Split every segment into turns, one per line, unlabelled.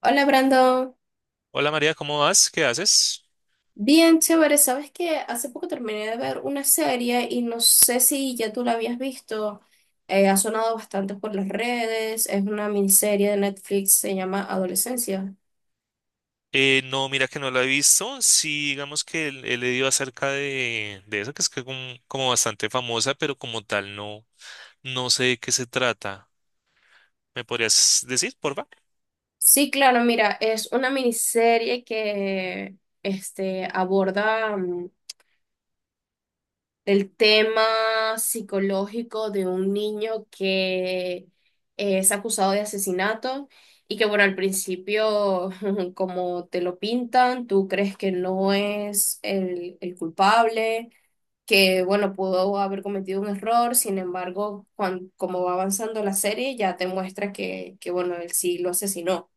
Hola Brandon,
Hola María, ¿cómo vas? ¿Qué haces?
bien chévere, sabes que hace poco terminé de ver una serie y no sé si ya tú la habías visto. Ha sonado bastante por las redes, es una miniserie de Netflix, se llama Adolescencia.
No, mira que no la he visto. Sí, digamos que he leído acerca de eso, que es que como, como bastante famosa, pero como tal no, no sé de qué se trata. ¿Me podrías decir, porfa?
Sí, claro, mira, es una miniserie que aborda el tema psicológico de un niño que es acusado de asesinato y que, bueno, al principio, como te lo pintan, tú crees que no es el culpable, que, bueno, pudo haber cometido un error. Sin embargo, como va avanzando la serie, ya te muestra bueno, él sí lo asesinó.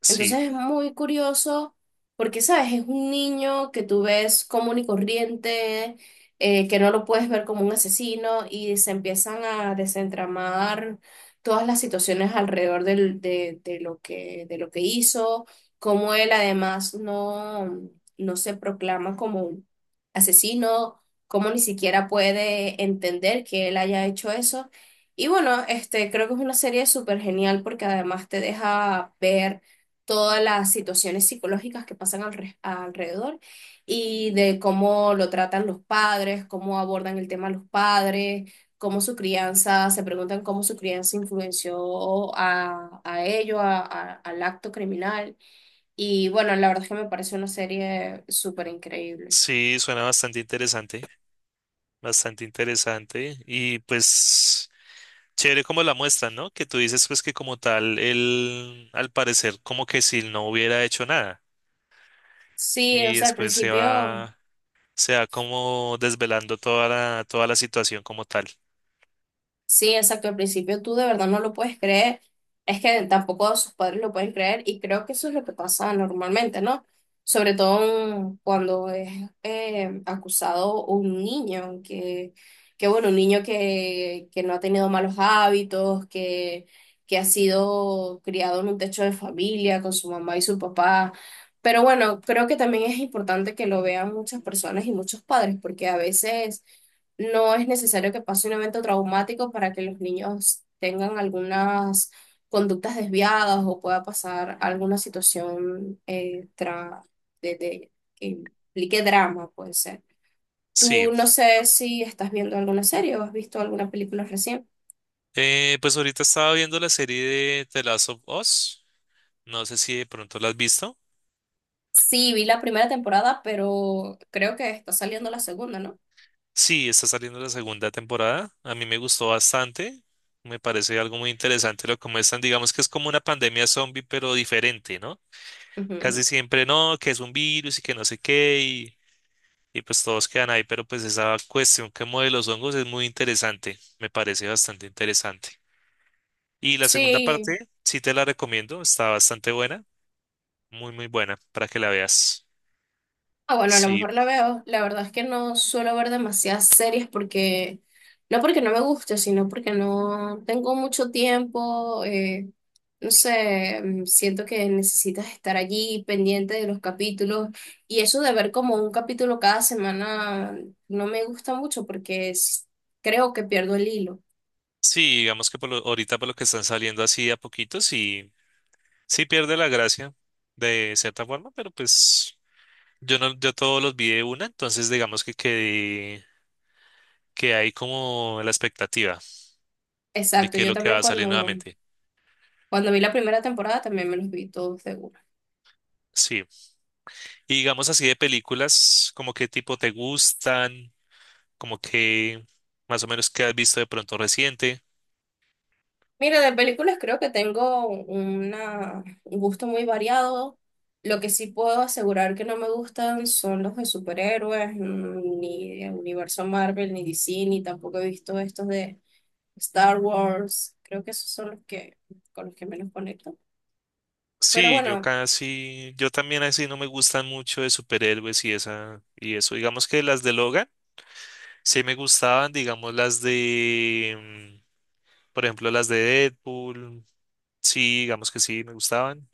Sí,
Entonces es muy curioso porque, ¿sabes? Es un niño que tú ves común y corriente, que no lo puedes ver como un asesino, y se empiezan a desentramar todas las situaciones alrededor de lo de lo que hizo, cómo él además no, no se proclama como un asesino, cómo ni siquiera puede entender que él haya hecho eso. Y bueno, creo que es una serie súper genial porque además te deja ver todas las situaciones psicológicas que pasan alrededor, y de cómo lo tratan los padres, cómo abordan el tema los padres, cómo su crianza, se preguntan cómo su crianza influenció a ello, al acto criminal. Y bueno, la verdad es que me parece una serie súper increíble.
sí, suena bastante interesante, bastante interesante. Y pues, chévere como la muestran, ¿no? Que tú dices pues que como tal, él, al parecer, como que si no hubiera hecho nada.
Sí, o
Y
sea, al
después se
principio.
va, se sea como desvelando toda la situación como tal.
Sí, exacto. Al principio tú de verdad no lo puedes creer. Es que tampoco sus padres lo pueden creer, y creo que eso es lo que pasa normalmente, ¿no? Sobre todo cuando es acusado un niño, que bueno, un niño que no ha tenido malos hábitos, que ha sido criado en un techo de familia con su mamá y su papá. Pero bueno, creo que también es importante que lo vean muchas personas y muchos padres, porque a veces no es necesario que pase un evento traumático para que los niños tengan algunas conductas desviadas, o pueda pasar alguna situación que implique drama, puede ser.
Sí.
Tú no sé si estás viendo alguna serie o has visto alguna película recién.
Pues ahorita estaba viendo la serie de The Last of Us, no sé si de pronto la has visto.
Sí, vi la primera temporada, pero creo que está saliendo la segunda, ¿no?
Sí, está saliendo la segunda temporada, a mí me gustó bastante, me parece algo muy interesante lo como muestran, digamos que es como una pandemia zombie pero diferente, ¿no?
Ujú.
Casi siempre no, que es un virus y que no sé qué y pues todos quedan ahí, pero pues esa cuestión que de los hongos es muy interesante, me parece bastante interesante. Y la segunda
Sí.
parte, sí te la recomiendo, está bastante buena, muy muy buena para que la veas.
Ah, bueno, a lo
Sí,
mejor la veo. La verdad es que no suelo ver demasiadas series porque no me guste, sino porque no tengo mucho tiempo. No sé, siento que necesitas estar allí pendiente de los capítulos, y eso de ver como un capítulo cada semana no me gusta mucho porque creo que pierdo el hilo.
sí, digamos que ahorita por lo que están saliendo así a poquitos y sí pierde la gracia de cierta forma, pero pues yo no, yo todos los vi de una, entonces digamos que que hay como la expectativa de
Exacto,
qué es
yo
lo que va
también
a salir nuevamente.
cuando vi la primera temporada también me los vi todos de una.
Sí, y digamos así de películas, como qué tipo te gustan, como que más o menos qué has visto de pronto reciente.
Mira, de películas creo que tengo un gusto muy variado. Lo que sí puedo asegurar que no me gustan son los de superhéroes, ni de universo Marvel, ni DC, ni tampoco he visto estos de Star Wars. Creo que esos son los que, con los que menos conecto. Pero
Sí, yo
bueno,
casi, yo también así no me gustan mucho de superhéroes y esa, y eso. Digamos que las de Logan sí me gustaban, digamos las de, mm, por ejemplo, las de Deadpool, sí, digamos que sí me gustaban,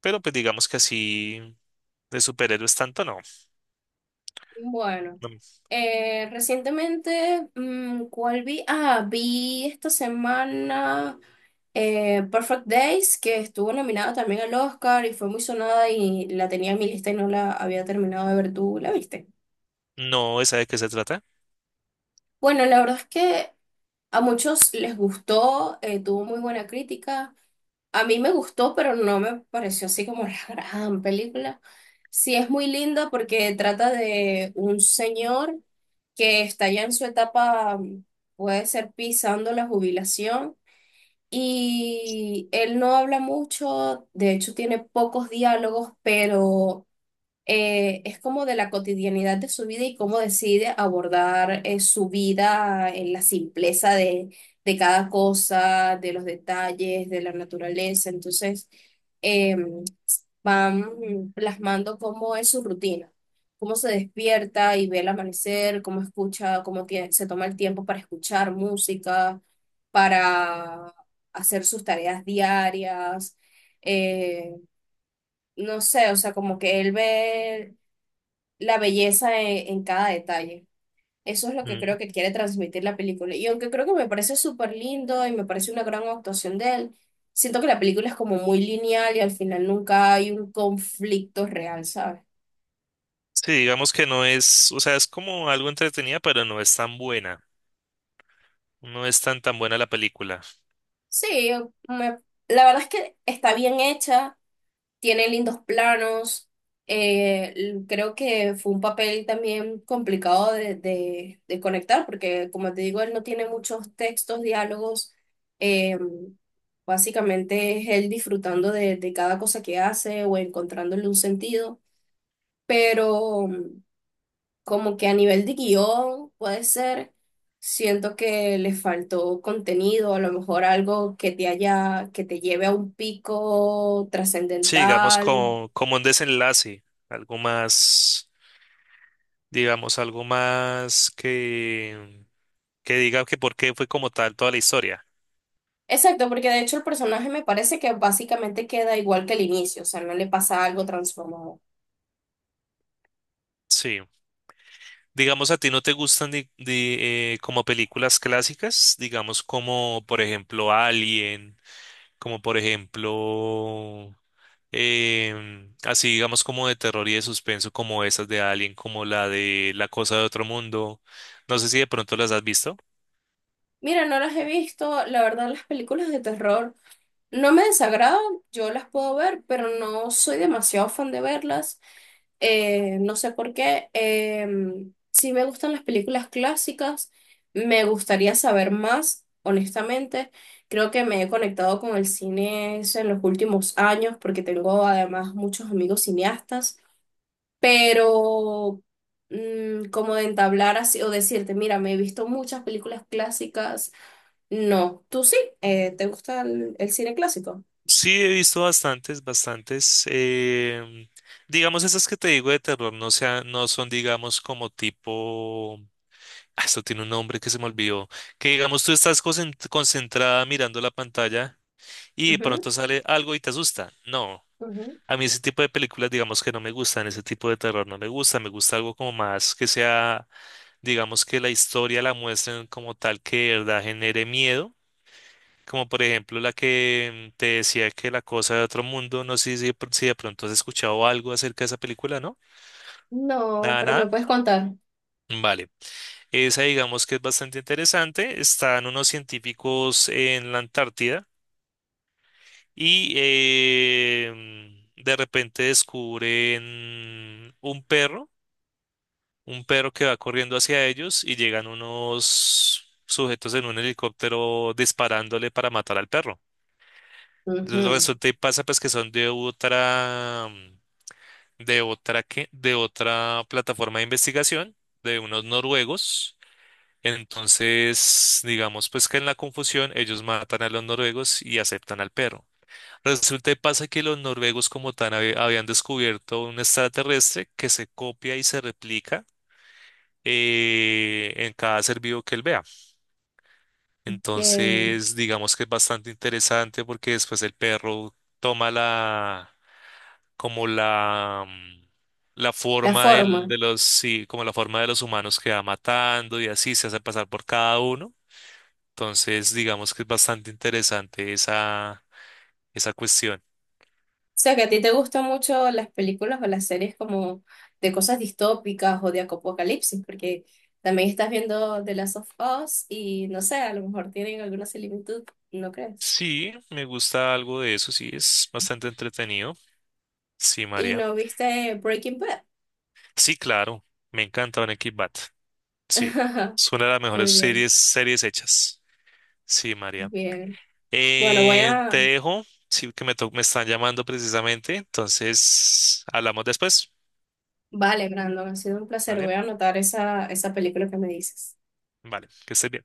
pero pues digamos que así de superhéroes tanto no.
bueno.
No,
Recientemente, ¿cuál vi? Ah, vi esta semana Perfect Days, que estuvo nominada también al Oscar y fue muy sonada, y la tenía en mi lista y no la había terminado de ver. ¿Tú la viste?
no, ¿esa de qué se trata?
Bueno, la verdad es que a muchos les gustó, tuvo muy buena crítica. A mí me gustó, pero no me pareció así como la gran película. Sí es muy linda porque trata de un señor que está ya en su etapa, puede ser pisando la jubilación, y él no habla mucho, de hecho tiene pocos diálogos, pero es como de la cotidianidad de su vida y cómo decide abordar su vida en la simpleza de cada cosa, de los detalles, de la naturaleza. Entonces, eh, van plasmando cómo es su rutina, cómo se despierta y ve el amanecer, cómo escucha, se toma el tiempo para escuchar música, para hacer sus tareas diarias. eh, no sé, o sea, como que él ve la belleza en cada detalle. Eso es lo que
Mm.
creo que quiere transmitir la película. Y aunque creo que me parece súper lindo y me parece una gran actuación de él, siento que la película es como muy lineal y al final nunca hay un conflicto real, ¿sabes?
Sí, digamos que no es, o sea, es como algo entretenida, pero no es tan buena. No es tan tan buena la película.
Sí, me- la verdad es que está bien hecha. Tiene lindos planos. Creo que fue un papel también complicado de conectar, porque como te digo, él no tiene muchos textos, diálogos. eh, Básicamente es él disfrutando de cada cosa que hace o encontrándole un sentido. Pero como que a nivel de guión puede ser, siento que le faltó contenido, a lo mejor algo que te haya, que te lleve a un pico
Sí, digamos
trascendental.
como, como un desenlace, algo más. Digamos, algo más que diga que por qué fue como tal toda la historia.
Exacto, porque de hecho el personaje me parece que básicamente queda igual que el inicio, o sea, no le pasa algo transformado.
Sí. Digamos, a ti no te gustan como películas clásicas, digamos, como por ejemplo Alien, como por ejemplo, así digamos como de terror y de suspenso, como esas de Alien, como la de La Cosa de Otro Mundo. No sé si de pronto las has visto.
Mira, no las he visto, la verdad las películas de terror no me desagradan, yo las puedo ver, pero no soy demasiado fan de verlas, no sé por qué. Sí me gustan las películas clásicas, me gustaría saber más, honestamente. Creo que me he conectado con el cine es en los últimos años porque tengo además muchos amigos cineastas. Pero como de entablar así o decirte, mira, me he visto muchas películas clásicas. No, tú sí, ¿te gusta el cine clásico?
Sí, he visto bastantes, bastantes. Digamos, esas que te digo de terror no sea, no son, digamos, como tipo. Ah, esto tiene un nombre que se me olvidó. Que digamos, tú estás concentrada mirando la pantalla y de
Ujú,
pronto sale algo y te asusta. No.
ujú.
A mí ese tipo de películas, digamos que no me gustan, ese tipo de terror no me gusta, me gusta algo como más que sea, digamos que la historia la muestren como tal que de verdad genere miedo, como por ejemplo la que te decía, que La Cosa de Otro Mundo, no sé si, si de pronto has escuchado algo acerca de esa película, ¿no?
No,
Nada,
pero me
nada.
puedes contar.
Mm, vale. Esa digamos que es bastante interesante. Están unos científicos en la Antártida y de repente descubren un perro que va corriendo hacia ellos, y llegan unos sujetos en un helicóptero disparándole para matar al perro.
Ujú.
Resulta y pasa pues que son de otra de otra plataforma de investigación de unos noruegos. Entonces, digamos pues que en la confusión ellos matan a los noruegos y aceptan al perro. Resulta y pasa que los noruegos como tal habían descubierto un extraterrestre que se copia y se replica en cada ser vivo que él vea.
Que
Entonces, digamos que es bastante interesante porque después el perro toma la, como la, la
la
forma del,
forma.
de los, sí, como la forma de los humanos que va matando, y así se hace pasar por cada uno. Entonces, digamos que es bastante interesante esa, esa cuestión.
O sea, que a ti te gustan mucho las películas o las series como de cosas distópicas o de apocalipsis, porque también estás viendo The Last of Us y no sé, a lo mejor tienen alguna similitud, ¿no crees?
Sí, me gusta algo de eso, sí, es bastante entretenido. Sí,
¿Y
María.
no viste Breaking Bad?
Sí, claro, me encanta Breaking Bad. Sí, es una de las
Muy
mejores
bien,
series, series hechas. Sí, María.
bien. Bueno, voy
Te
a...
dejo, sí, que me, me están llamando precisamente, entonces hablamos después,
Vale, Brandon, ha sido un placer.
¿vale?
Voy a anotar esa película que me dices.
Vale, que estés bien.